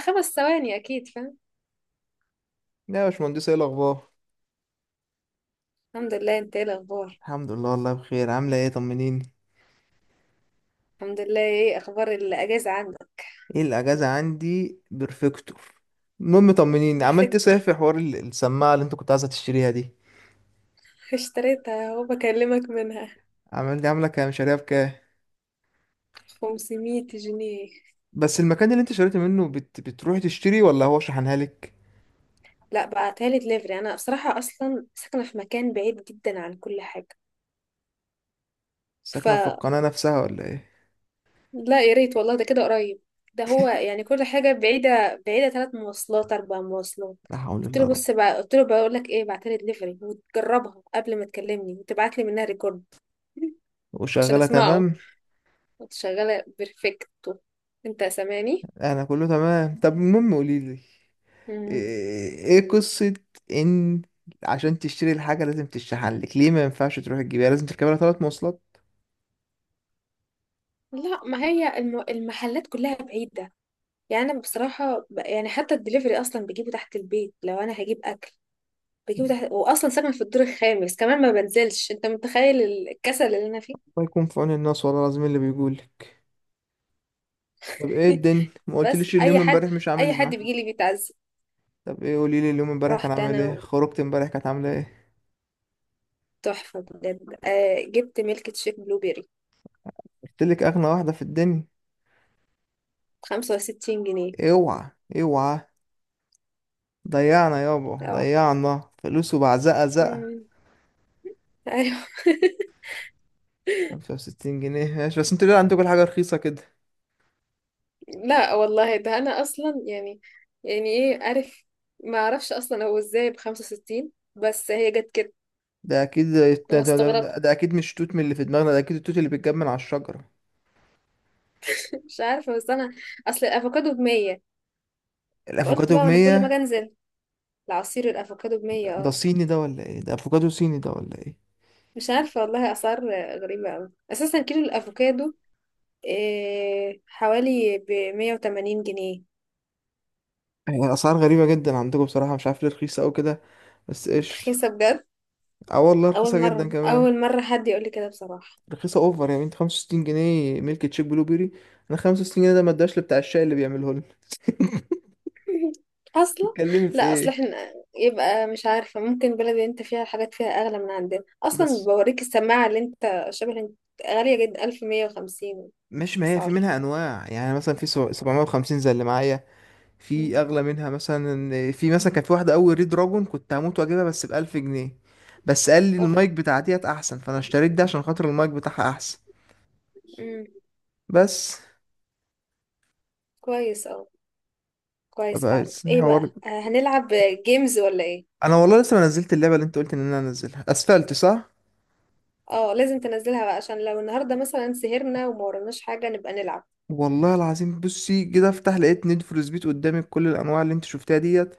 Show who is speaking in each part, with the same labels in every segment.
Speaker 1: خمس ثواني اكيد فاهم.
Speaker 2: يا باشمهندس، ايه الاخبار؟
Speaker 1: الحمد لله، انت ايه الاخبار؟
Speaker 2: الحمد لله والله بخير. عامله ايه؟ طمنيني.
Speaker 1: الحمد لله، ايه اخبار الاجازه عندك؟
Speaker 2: ايه الاجازه عندي؟ بيرفكتور. المهم طمنيني، عملت ايه
Speaker 1: بيرفكتور.
Speaker 2: صحيح في حوار السماعه اللي انت كنت عايزه تشتريها دي؟
Speaker 1: اشتريتها اهو، بكلمك منها.
Speaker 2: عملت عامله كام؟ شاريها بكام؟
Speaker 1: 500 جنيه.
Speaker 2: بس المكان اللي انت شريت منه بتروحي تشتري ولا هو شحنها لك؟
Speaker 1: لا، بعتها لي دليفري. انا بصراحه اصلا ساكنه في مكان بعيد جدا عن كل حاجه. ف
Speaker 2: ساكنه في القناه نفسها ولا ايه؟
Speaker 1: لا، يا ريت والله ده كده قريب. ده هو يعني كل حاجه بعيده بعيده، ثلاث مواصلات اربع مواصلات.
Speaker 2: لا حول
Speaker 1: قلت
Speaker 2: الله
Speaker 1: له
Speaker 2: يا رب.
Speaker 1: بص بقى، قلت له بقول لك ايه، بعتها لي دليفري وتجربها قبل ما تكلمني وتبعت لي منها ريكورد. عشان
Speaker 2: وشغاله
Speaker 1: اسمعه.
Speaker 2: تمام؟
Speaker 1: كنت شغالة بيرفكتو. انت سامعني؟
Speaker 2: انا كله تمام. طب المهم قولي لي
Speaker 1: مم.
Speaker 2: ايه؟ إيه قصه ان عشان تشتري الحاجه لازم تشحن لك؟ ليه ما ينفعش تروح تجيبها، لازم تركبها ثلاث مواصلات؟
Speaker 1: لا، ما هي المحلات كلها بعيدة. يعني انا بصراحة يعني حتى الدليفري اصلا بجيبه تحت البيت، لو انا هجيب اكل بجيبه تحت. واصلا ساكنة في الدور الخامس كمان، ما بنزلش. انت متخيل الكسل اللي انا فيه؟
Speaker 2: الله يكون في عون الناس والله العظيم اللي بيقولك. طب ايه الدنيا؟ ما
Speaker 1: بس
Speaker 2: قلتليش،
Speaker 1: اي
Speaker 2: اليوم
Speaker 1: حد،
Speaker 2: امبارح مش عامل
Speaker 1: اي
Speaker 2: إز
Speaker 1: حد
Speaker 2: معاك.
Speaker 1: بيجي لي بيتعزم.
Speaker 2: طب ايه، قولي لي، اليوم امبارح كان
Speaker 1: رحت
Speaker 2: عامل ايه؟
Speaker 1: انا،
Speaker 2: خرجت امبارح، كانت عامله ايه؟
Speaker 1: تحفة بجد. آه، جبت ميلك تشيك بلو بيري،
Speaker 2: قلتلك اغنى واحده في الدنيا.
Speaker 1: 65 جنيه.
Speaker 2: اوعى، اوعى. ضيعنا يابا،
Speaker 1: اه.
Speaker 2: ضيعنا فلوس وبعزقه زقه.
Speaker 1: مم. ايوه.
Speaker 2: 65 جنيه ماشي، بس انتوا ليه عندكم كل حاجه رخيصه كده؟
Speaker 1: لا والله، ده انا اصلا يعني، يعني ايه عارف، ما اعرفش اصلا هو ازاي ب 65، بس هي جت كده
Speaker 2: ده اكيد. ده,
Speaker 1: وما
Speaker 2: ده, ده,
Speaker 1: استغربت.
Speaker 2: ده اكيد مش توت من اللي في دماغنا، ده اكيد التوت اللي بيتجمع من على الشجره.
Speaker 1: مش عارفه بس انا اصل الافوكادو ب 100. فقلت
Speaker 2: الافوكادو ب
Speaker 1: بقى وانا كل ما اجي
Speaker 2: 100؟
Speaker 1: انزل، العصير الافوكادو ب 100.
Speaker 2: ده
Speaker 1: اه،
Speaker 2: صيني ده ولا ايه؟ ده افوكادو صيني ده ولا ايه؟
Speaker 1: مش عارفه والله، اسعار غريبه قوي. اساسا كيلو الافوكادو إيه، حوالي ب 180 جنيه.
Speaker 2: هي الأسعار غريبة جدا عندكم بصراحة، مش عارف ليه رخيصة أوي كده. بس قشطة.
Speaker 1: رخيصه بجد؟
Speaker 2: اه والله
Speaker 1: اول
Speaker 2: رخيصة
Speaker 1: مره،
Speaker 2: جدا كمان.
Speaker 1: اول مره حد يقول لي كده بصراحه.
Speaker 2: رخيصة اوفر يعني، انت 65 جنيه ميلك تشيك بلو بيري، انا 65 جنيه ده ما اداش لبتاع الشاي اللي بيعمله لنا.
Speaker 1: اصلا
Speaker 2: تتكلمي في
Speaker 1: لا، اصل
Speaker 2: ايه؟
Speaker 1: احنا يبقى مش عارفه، ممكن بلد اللي انت فيها الحاجات فيها اغلى من عندنا. اصلا
Speaker 2: بس
Speaker 1: بوريك السماعه اللي انت شبه انت، غاليه جدا، 1150.
Speaker 2: مش، ما هي في
Speaker 1: اسعار.
Speaker 2: منها انواع، يعني مثلا في 750 زي اللي معايا. في
Speaker 1: مم.
Speaker 2: اغلى منها مثلا، في مثلا كان في واحده اول ريد دراجون كنت هموت واجيبها، بس ب 1000 جنيه. بس قال لي
Speaker 1: اوف.
Speaker 2: المايك بتاع ديت احسن، فانا اشتريت ده عشان خاطر المايك بتاعها احسن
Speaker 1: امم.
Speaker 2: بس.
Speaker 1: كويس، اه. كويس
Speaker 2: بقى
Speaker 1: فعلا. ايه بقى،
Speaker 2: حوار،
Speaker 1: آه، هنلعب جيمز ولا ايه؟
Speaker 2: انا والله لسه ما نزلت اللعبه اللي انت قلت ان انا انزلها، اسفلت صح.
Speaker 1: اه، لازم تنزلها بقى، عشان لو النهارده مثلا سهرنا وما وراناش حاجه نبقى نلعب.
Speaker 2: والله العظيم بصي كده افتح لقيت نيد فور سبيد قدامي بكل الانواع اللي انت شفتها ديت،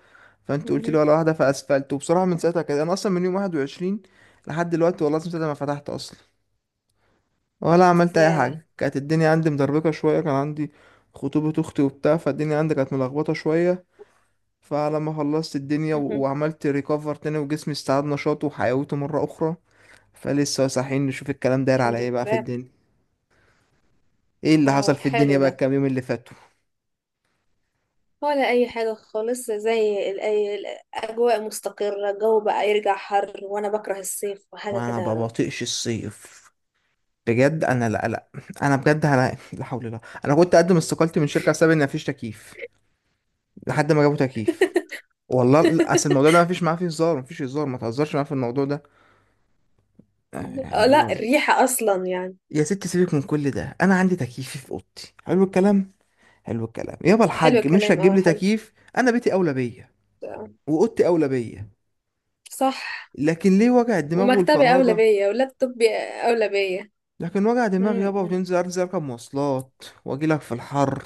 Speaker 2: فانت قلت لي
Speaker 1: امم.
Speaker 2: ولا واحده فاسفلت. وبصراحه من ساعتها كده انا اصلا من يوم 21 لحد دلوقتي والله العظيم ساعتها ما فتحت اصلا، ولا عملت اي
Speaker 1: ياه.
Speaker 2: حاجه. كانت الدنيا عندي مدربكه شويه، كان عندي خطوبه اختي وبتاع، فالدنيا عندي كانت ملخبطه شويه. فلما خلصت الدنيا و-
Speaker 1: امم.
Speaker 2: وعملت ريكفر تاني وجسمي استعاد نشاطه وحيويته مره اخرى، فلسه صاحيين نشوف الكلام داير على
Speaker 1: الحمد
Speaker 2: ايه بقى في
Speaker 1: لله.
Speaker 2: الدنيا. ايه اللي حصل
Speaker 1: اه،
Speaker 2: في الدنيا
Speaker 1: حلو
Speaker 2: بقى
Speaker 1: ده،
Speaker 2: الكام يوم اللي فاتوا؟
Speaker 1: ولا اي حاجه خالص؟ الاجواء مستقره، الجو بقى يرجع حر، وانا بكره الصيف وحاجه
Speaker 2: وانا ما
Speaker 1: كده.
Speaker 2: بطيقش الصيف بجد. انا لا لا، انا بجد انا لا حول الله، انا كنت اقدم استقالتي من شركه بسبب ان مفيش تكييف لحد ما جابوا تكييف. والله لا، اصل الموضوع ده مفيش معاه، فيه هزار مفيش هزار، ما تهزرش معاه في الموضوع ده. آه،
Speaker 1: آه،
Speaker 2: يعني
Speaker 1: لا،
Speaker 2: لو.
Speaker 1: الريحه اصلا يعني.
Speaker 2: يا ستي سيبك من كل ده، انا عندي تكييفي في اوضتي، حلو الكلام. حلو الكلام يابا
Speaker 1: حلو
Speaker 2: الحاج، مش
Speaker 1: الكلام،
Speaker 2: هتجيب
Speaker 1: اه
Speaker 2: لي
Speaker 1: حلو.
Speaker 2: تكييف، انا بيتي اولى بيا
Speaker 1: آه،
Speaker 2: واوضتي اولى بيا.
Speaker 1: صح.
Speaker 2: لكن ليه وجع الدماغ
Speaker 1: ومكتبي اولى
Speaker 2: والفرهده؟
Speaker 1: بيا ولابتوبي اولى بيا.
Speaker 2: لكن وجع دماغ
Speaker 1: أمم،
Speaker 2: يابا،
Speaker 1: أمم،
Speaker 2: وتنزل، انزل اركب مواصلات واجي لك في الحر،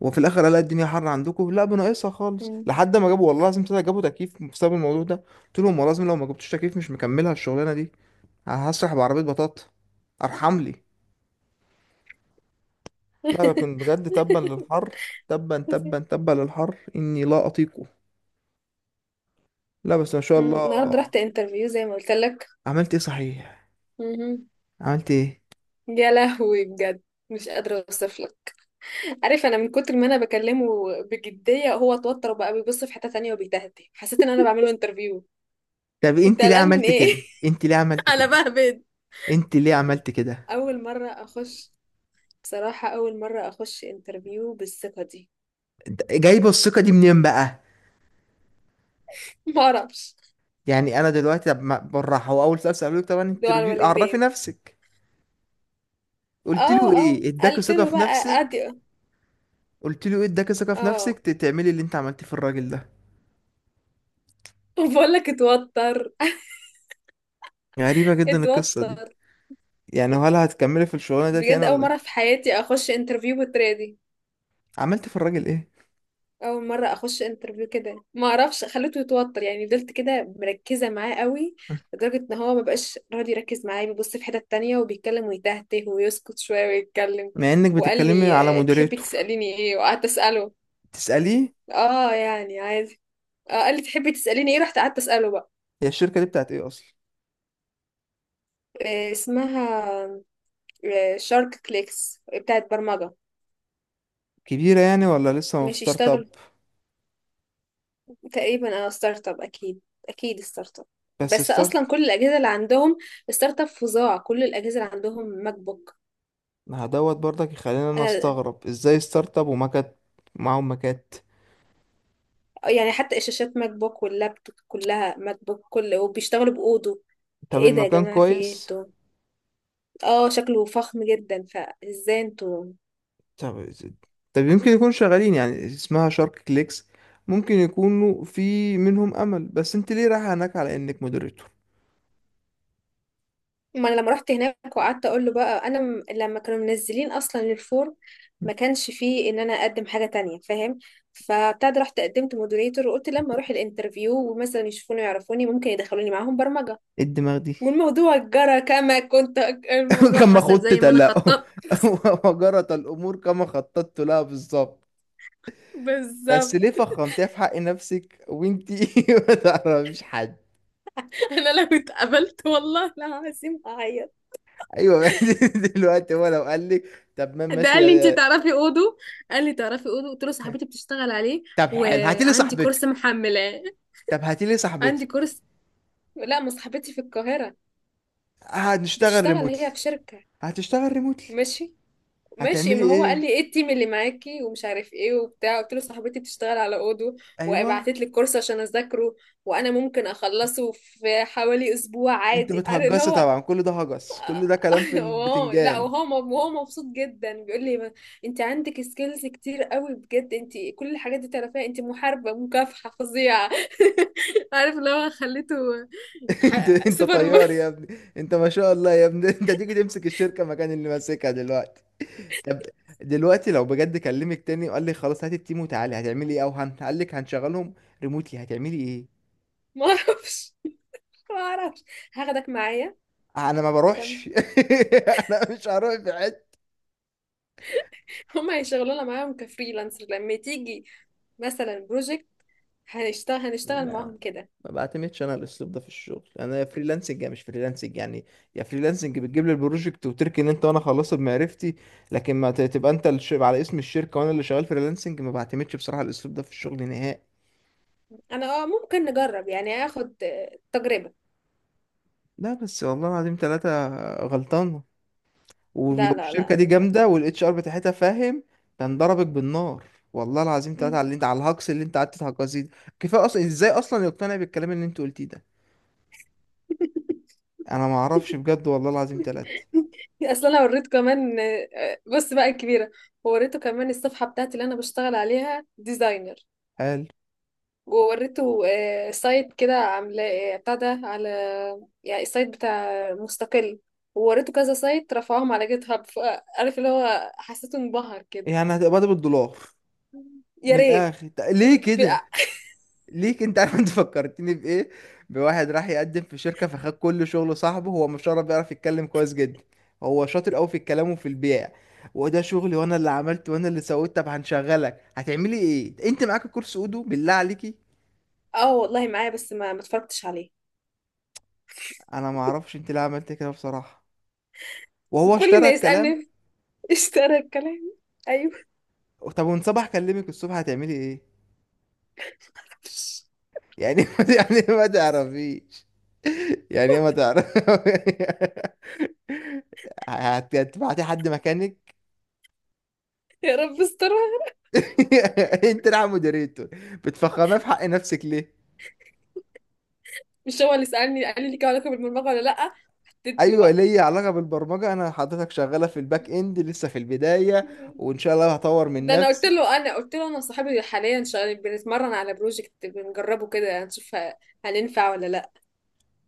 Speaker 2: وفي الاخر الاقي الدنيا حر عندكم، لا بناقصها
Speaker 1: أمم.
Speaker 2: خالص.
Speaker 1: أمم،
Speaker 2: لحد ما جابوا، والله لازم طلع، جابوا تكييف بسبب الموضوع ده، قلت لهم والله لازم لو ما جبتوش تكييف مش مكملها الشغلانه دي، هسرح بعربيه بطاطا ارحم لي. لا لكن بجد تبا للحر، تبا تبا تبا للحر، اني لا اطيقه. لا بس ما شاء
Speaker 1: النهارده
Speaker 2: الله.
Speaker 1: رحت انترفيو زي ما قلت لك.
Speaker 2: عملت ايه صحيح؟
Speaker 1: أمم.
Speaker 2: عملت ايه؟
Speaker 1: يا لهوي، بجد مش قادره اوصف لك. عارف، انا من كتر ما انا بكلمه بجديه، هو اتوتر وبقى بيبص في حته تانية وبيتهته. حسيت ان انا بعمل له انترفيو.
Speaker 2: طب
Speaker 1: انت
Speaker 2: انت ليه
Speaker 1: قلقان من
Speaker 2: عملت
Speaker 1: ايه؟
Speaker 2: كده؟ انت ليه عملت
Speaker 1: على
Speaker 2: كده؟
Speaker 1: بهبد.
Speaker 2: انت ليه عملت كده؟
Speaker 1: اول مره اخش، بصراحه اول مره اخش انترفيو بالثقه دي.
Speaker 2: جايبه الثقه دي منين بقى؟
Speaker 1: ما اعرفش،
Speaker 2: يعني انا دلوقتي طب بالراحه، هو اول سؤال سالوك طبعا
Speaker 1: دعاء
Speaker 2: انتروديو، عرفي
Speaker 1: الوالدين.
Speaker 2: نفسك. قلت
Speaker 1: اه.
Speaker 2: له
Speaker 1: اه،
Speaker 2: ايه اداك
Speaker 1: قلت
Speaker 2: ثقه
Speaker 1: له
Speaker 2: في
Speaker 1: بقى،
Speaker 2: نفسك؟
Speaker 1: ادي.
Speaker 2: قلت له ايه اداك ثقه في نفسك
Speaker 1: اه.
Speaker 2: تعملي اللي انت عملتيه في الراجل ده؟
Speaker 1: بقول لك اتوتر.
Speaker 2: غريبه جدا القصه دي.
Speaker 1: اتوتر.
Speaker 2: يعني هل هتكملي في الشغلانه ديت يعني
Speaker 1: بجد اول
Speaker 2: ولا
Speaker 1: مره
Speaker 2: إيه؟
Speaker 1: في حياتي اخش انترفيو بالطريقه دي.
Speaker 2: عملت في الراجل ايه؟
Speaker 1: اول مره اخش انترفيو كده، ما اعرفش. خليته يتوتر، يعني فضلت كده مركزه معاه قوي، لدرجه ان هو ما بقاش راضي يركز معايا، بيبص في حته تانية وبيتكلم ويتهته ويسكت شويه ويتكلم.
Speaker 2: مع انك
Speaker 1: وقال
Speaker 2: بتتكلمي
Speaker 1: لي
Speaker 2: على
Speaker 1: آه، تحبي
Speaker 2: مودريتور.
Speaker 1: تساليني ايه، وقعدت اساله.
Speaker 2: تساليه.
Speaker 1: اه يعني عادي. آه، قال لي تحبي تساليني ايه، رحت قعدت اساله بقى.
Speaker 2: هي الشركه دي بتاعت ايه اصلا؟
Speaker 1: آه، اسمها آه، شارك كليكس، بتاعت برمجه.
Speaker 2: كبيره يعني ولا لسه في
Speaker 1: ماشي
Speaker 2: ستارت اب؟
Speaker 1: اشتغل. تقريبا، اه، ستارت اب اكيد. اكيد ستارت اب.
Speaker 2: بس
Speaker 1: بس
Speaker 2: ستارت.
Speaker 1: اصلا كل الاجهزه اللي عندهم، ستارت اب فظاع. كل الاجهزه اللي عندهم ماك بوك.
Speaker 2: ما هدوت برضك، يخليني انا
Speaker 1: انا
Speaker 2: استغرب ازاي ستارت اب ومكات، معاهم مكات.
Speaker 1: يعني حتى الشاشات ماك بوك واللابتوب كلها ماك بوك، كل وبيشتغلوا باودو.
Speaker 2: طب
Speaker 1: ايه ده يا
Speaker 2: المكان
Speaker 1: جماعه، في ايه
Speaker 2: كويس؟
Speaker 1: انتوا؟ اه، شكله فخم جدا، فازاي انتوا؟
Speaker 2: طب. طب يمكن يكونوا شغالين، يعني اسمها شارك كليكس، ممكن يكونوا في منهم امل. بس انت ليه رايح هناك على انك مودريتور؟
Speaker 1: ما انا لما رحت هناك وقعدت اقول له بقى، لما كانوا منزلين اصلا الفورم، ما كانش فيه ان انا اقدم حاجه تانية، فاهم؟ فابتدى، رحت قدمت مودريتور، وقلت لما اروح الانترفيو ومثلا يشوفوني ويعرفوني، ممكن يدخلوني معاهم برمجه.
Speaker 2: إيه الدماغ دي؟
Speaker 1: والموضوع جرى كما كنت أك- الموضوع
Speaker 2: كما
Speaker 1: حصل زي
Speaker 2: خدت
Speaker 1: ما انا
Speaker 2: لا
Speaker 1: خططت،
Speaker 2: وجرت الامور كما خططت لها بالظبط. بس
Speaker 1: بالظبط.
Speaker 2: ليه فخمتيها في حق نفسك وانت ما تعرفيش حد؟
Speaker 1: انا لو اتقبلت والله العظيم هعيط.
Speaker 2: ايوه. دلوقتي هو لو قال لك، طب ما
Speaker 1: ده
Speaker 2: ماشي
Speaker 1: قال لي انت تعرفي اودو. قال لي تعرفي اودو، قلت له صاحبتي بتشتغل عليه
Speaker 2: طب حلو هاتي لي
Speaker 1: وعندي كورس
Speaker 2: صاحبتك.
Speaker 1: محملاه.
Speaker 2: طب هاتي لي
Speaker 1: عندي
Speaker 2: صاحبتك،
Speaker 1: كورس. لا، ما صاحبتي في القاهرة،
Speaker 2: هنشتغل
Speaker 1: بتشتغل
Speaker 2: ريموتلي.
Speaker 1: هي في شركة.
Speaker 2: هتشتغل ريموتلي.
Speaker 1: ماشي. ماشي،
Speaker 2: هتعملي
Speaker 1: ما هو قال
Speaker 2: ايه؟
Speaker 1: لي ايه التيم اللي معاكي ومش عارف ايه وبتاع، قلت له صاحبتي بتشتغل على اودو
Speaker 2: ايوه.
Speaker 1: وبعتت لي الكورس عشان اذاكره، وانا ممكن اخلصه في حوالي اسبوع
Speaker 2: انت
Speaker 1: عادي. انا اللي
Speaker 2: بتهجصي
Speaker 1: هو.
Speaker 2: طبعا، كل ده هجس، كل ده كلام في
Speaker 1: اه، لا
Speaker 2: البتنجان.
Speaker 1: وهو م- وهو مبسوط جدا، بيقول لي انت عندك سكيلز كتير قوي. بجد انت كل الحاجات دي تعرفيها، انت محاربة مكافحة فظيعة. عارف اللي هو خليته،
Speaker 2: انت انت
Speaker 1: سوبر ما
Speaker 2: طيار يا ابني. انت ما شاء الله يا ابني انت تيجي تمسك الشركة مكان اللي ماسكها دلوقتي. طب دلوقتي لو بجد كلمك تاني وقال لي خلاص هات التيم وتعالي، هتعملي ايه؟ او قال لك هنشغلهم ريموتلي، هتعملي ايه؟
Speaker 1: ما اعرفش. ما اعرفش. هاخدك معايا.
Speaker 2: انا ما بروحش.
Speaker 1: تمام.
Speaker 2: انا مش هروح في حته.
Speaker 1: هم هيشغلونا معاهم كفريلانسر، لما تيجي مثلا بروجكت هنشتغل، هنشتغل معاهم كده.
Speaker 2: ما بعتمدش انا على الاسلوب ده في الشغل، انا يا فريلانسنج يا مش فريلانسنج يعني. يا فريلانسنج بتجيب لي البروجكت وتركن انت، وانا خلصت بمعرفتي. لكن ما تبقى انت على اسم الشركه وانا اللي شغال فريلانسنج، ما بعتمدش بصراحه على الاسلوب ده في الشغل نهائي.
Speaker 1: انا اه ممكن نجرب يعني، اخد آه، تجربة.
Speaker 2: لا بس والله العظيم ثلاثة، غلطان. ولو
Speaker 1: لا لا لا،
Speaker 2: الشركة
Speaker 1: انا
Speaker 2: دي
Speaker 1: مش غلطة.
Speaker 2: جامدة والاتش ار بتاعتها فاهم، كان ضربك بالنار. والله العظيم ثلاثة على
Speaker 1: مم.
Speaker 2: اللي انت، على الهجص اللي انت قعدت تهجصيه ده. كفاية اصلا، ازاي اصلا يقتنع بالكلام اللي انت قلتيه ده؟ انا ما اعرفش بجد، والله العظيم ثلاثة.
Speaker 1: اصل انا وريته كمان آه، بص بقى الكبيرة، وريته كمان الصفحة بتاعتي اللي انا بشتغل عليها ديزاينر.
Speaker 2: هل
Speaker 1: ووريته آه، سايت كده عاملاه آه، بتاع ده على، يعني السايت بتاع مستقل. ووريته كذا سايت رفعهم على جيت هاب، فعارف اللي هو حسيته انبهر كده.
Speaker 2: يعني هتقبض بالدولار؟
Speaker 1: يا
Speaker 2: من
Speaker 1: ريت.
Speaker 2: الاخر طب ليه
Speaker 1: ب...
Speaker 2: كده؟ ليه كده؟ انت عارف انت فكرتني بايه؟ بواحد راح يقدم في شركه فخد كل شغله صاحبه، هو مش عارف، بيعرف يتكلم كويس جدا، هو شاطر قوي في الكلام وفي البيع، وده شغلي وانا اللي عملت وانا اللي سويت. طب هنشغلك هتعملي ايه؟ انت معاك الكورس اودو بالله عليكي؟
Speaker 1: اه والله معايا، بس ما اتفرجتش عليه.
Speaker 2: انا ما اعرفش انت ليه عملت كده بصراحه، وهو
Speaker 1: كل
Speaker 2: اشترى
Speaker 1: ما
Speaker 2: الكلام.
Speaker 1: يسألني. اشترى الكلام. ايوه.
Speaker 2: طب وان صباح كلمك الصبح هتعملي ايه يعني؟ يعني ما تعرفيش، يعني ما تعرف. هتبعتي حد مكانك؟
Speaker 1: يا رب استرها.
Speaker 2: انت راح مودريتور، بتفخمها في حق نفسك ليه؟
Speaker 1: مش هو اللي سألني قال لي ليك علاقة بالبرمجة ولا لأ؟ اديت
Speaker 2: ايوه
Speaker 1: له
Speaker 2: ليا علاقه بالبرمجه، انا حضرتك شغاله في الباك اند لسه في البدايه،
Speaker 1: بقى.
Speaker 2: وان شاء الله هطور من
Speaker 1: ده انا قلت
Speaker 2: نفسي.
Speaker 1: له، انا قلت له انا صاحبي حاليا شغال، بنتمرن على بروجكت بنجربه كده، يعني نشوف هننفع ولا لا.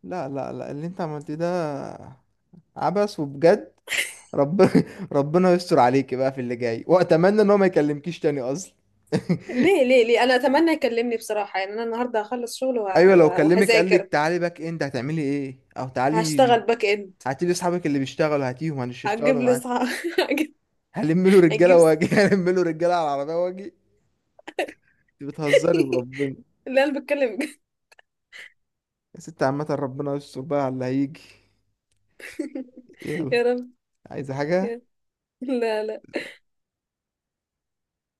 Speaker 2: لا لا لا، اللي انت عملتيه ده عبث وبجد. ربنا ربنا يستر عليكي بقى في اللي جاي، واتمنى ان هو ما يكلمكيش تاني اصلا.
Speaker 1: ليه ليه ليه؟ انا اتمنى يكلمني بصراحه. يعني انا النهارده هخلص شغل
Speaker 2: ايوه، لو كلمك قال لك
Speaker 1: وهذاكر.
Speaker 2: تعالي باك اند هتعملي ايه؟ او تعالي
Speaker 1: هشتغل باك اند.
Speaker 2: هاتي لي اصحابك اللي بيشتغلوا، هاتيهم
Speaker 1: هتجيب
Speaker 2: هنشتغلوا
Speaker 1: لي
Speaker 2: معاك.
Speaker 1: صح؟ هجيب.
Speaker 2: هلم له رجاله
Speaker 1: هجيب.
Speaker 2: واجي هلم له رجاله على العربيه واجي. انت بتهزري وربنا.
Speaker 1: لا انا بتكلم بجد.
Speaker 2: يا ستي عامه ربنا يستر بقى على اللي هيجي. يلا،
Speaker 1: يا رب.
Speaker 2: عايزه حاجه؟
Speaker 1: يا- لا لا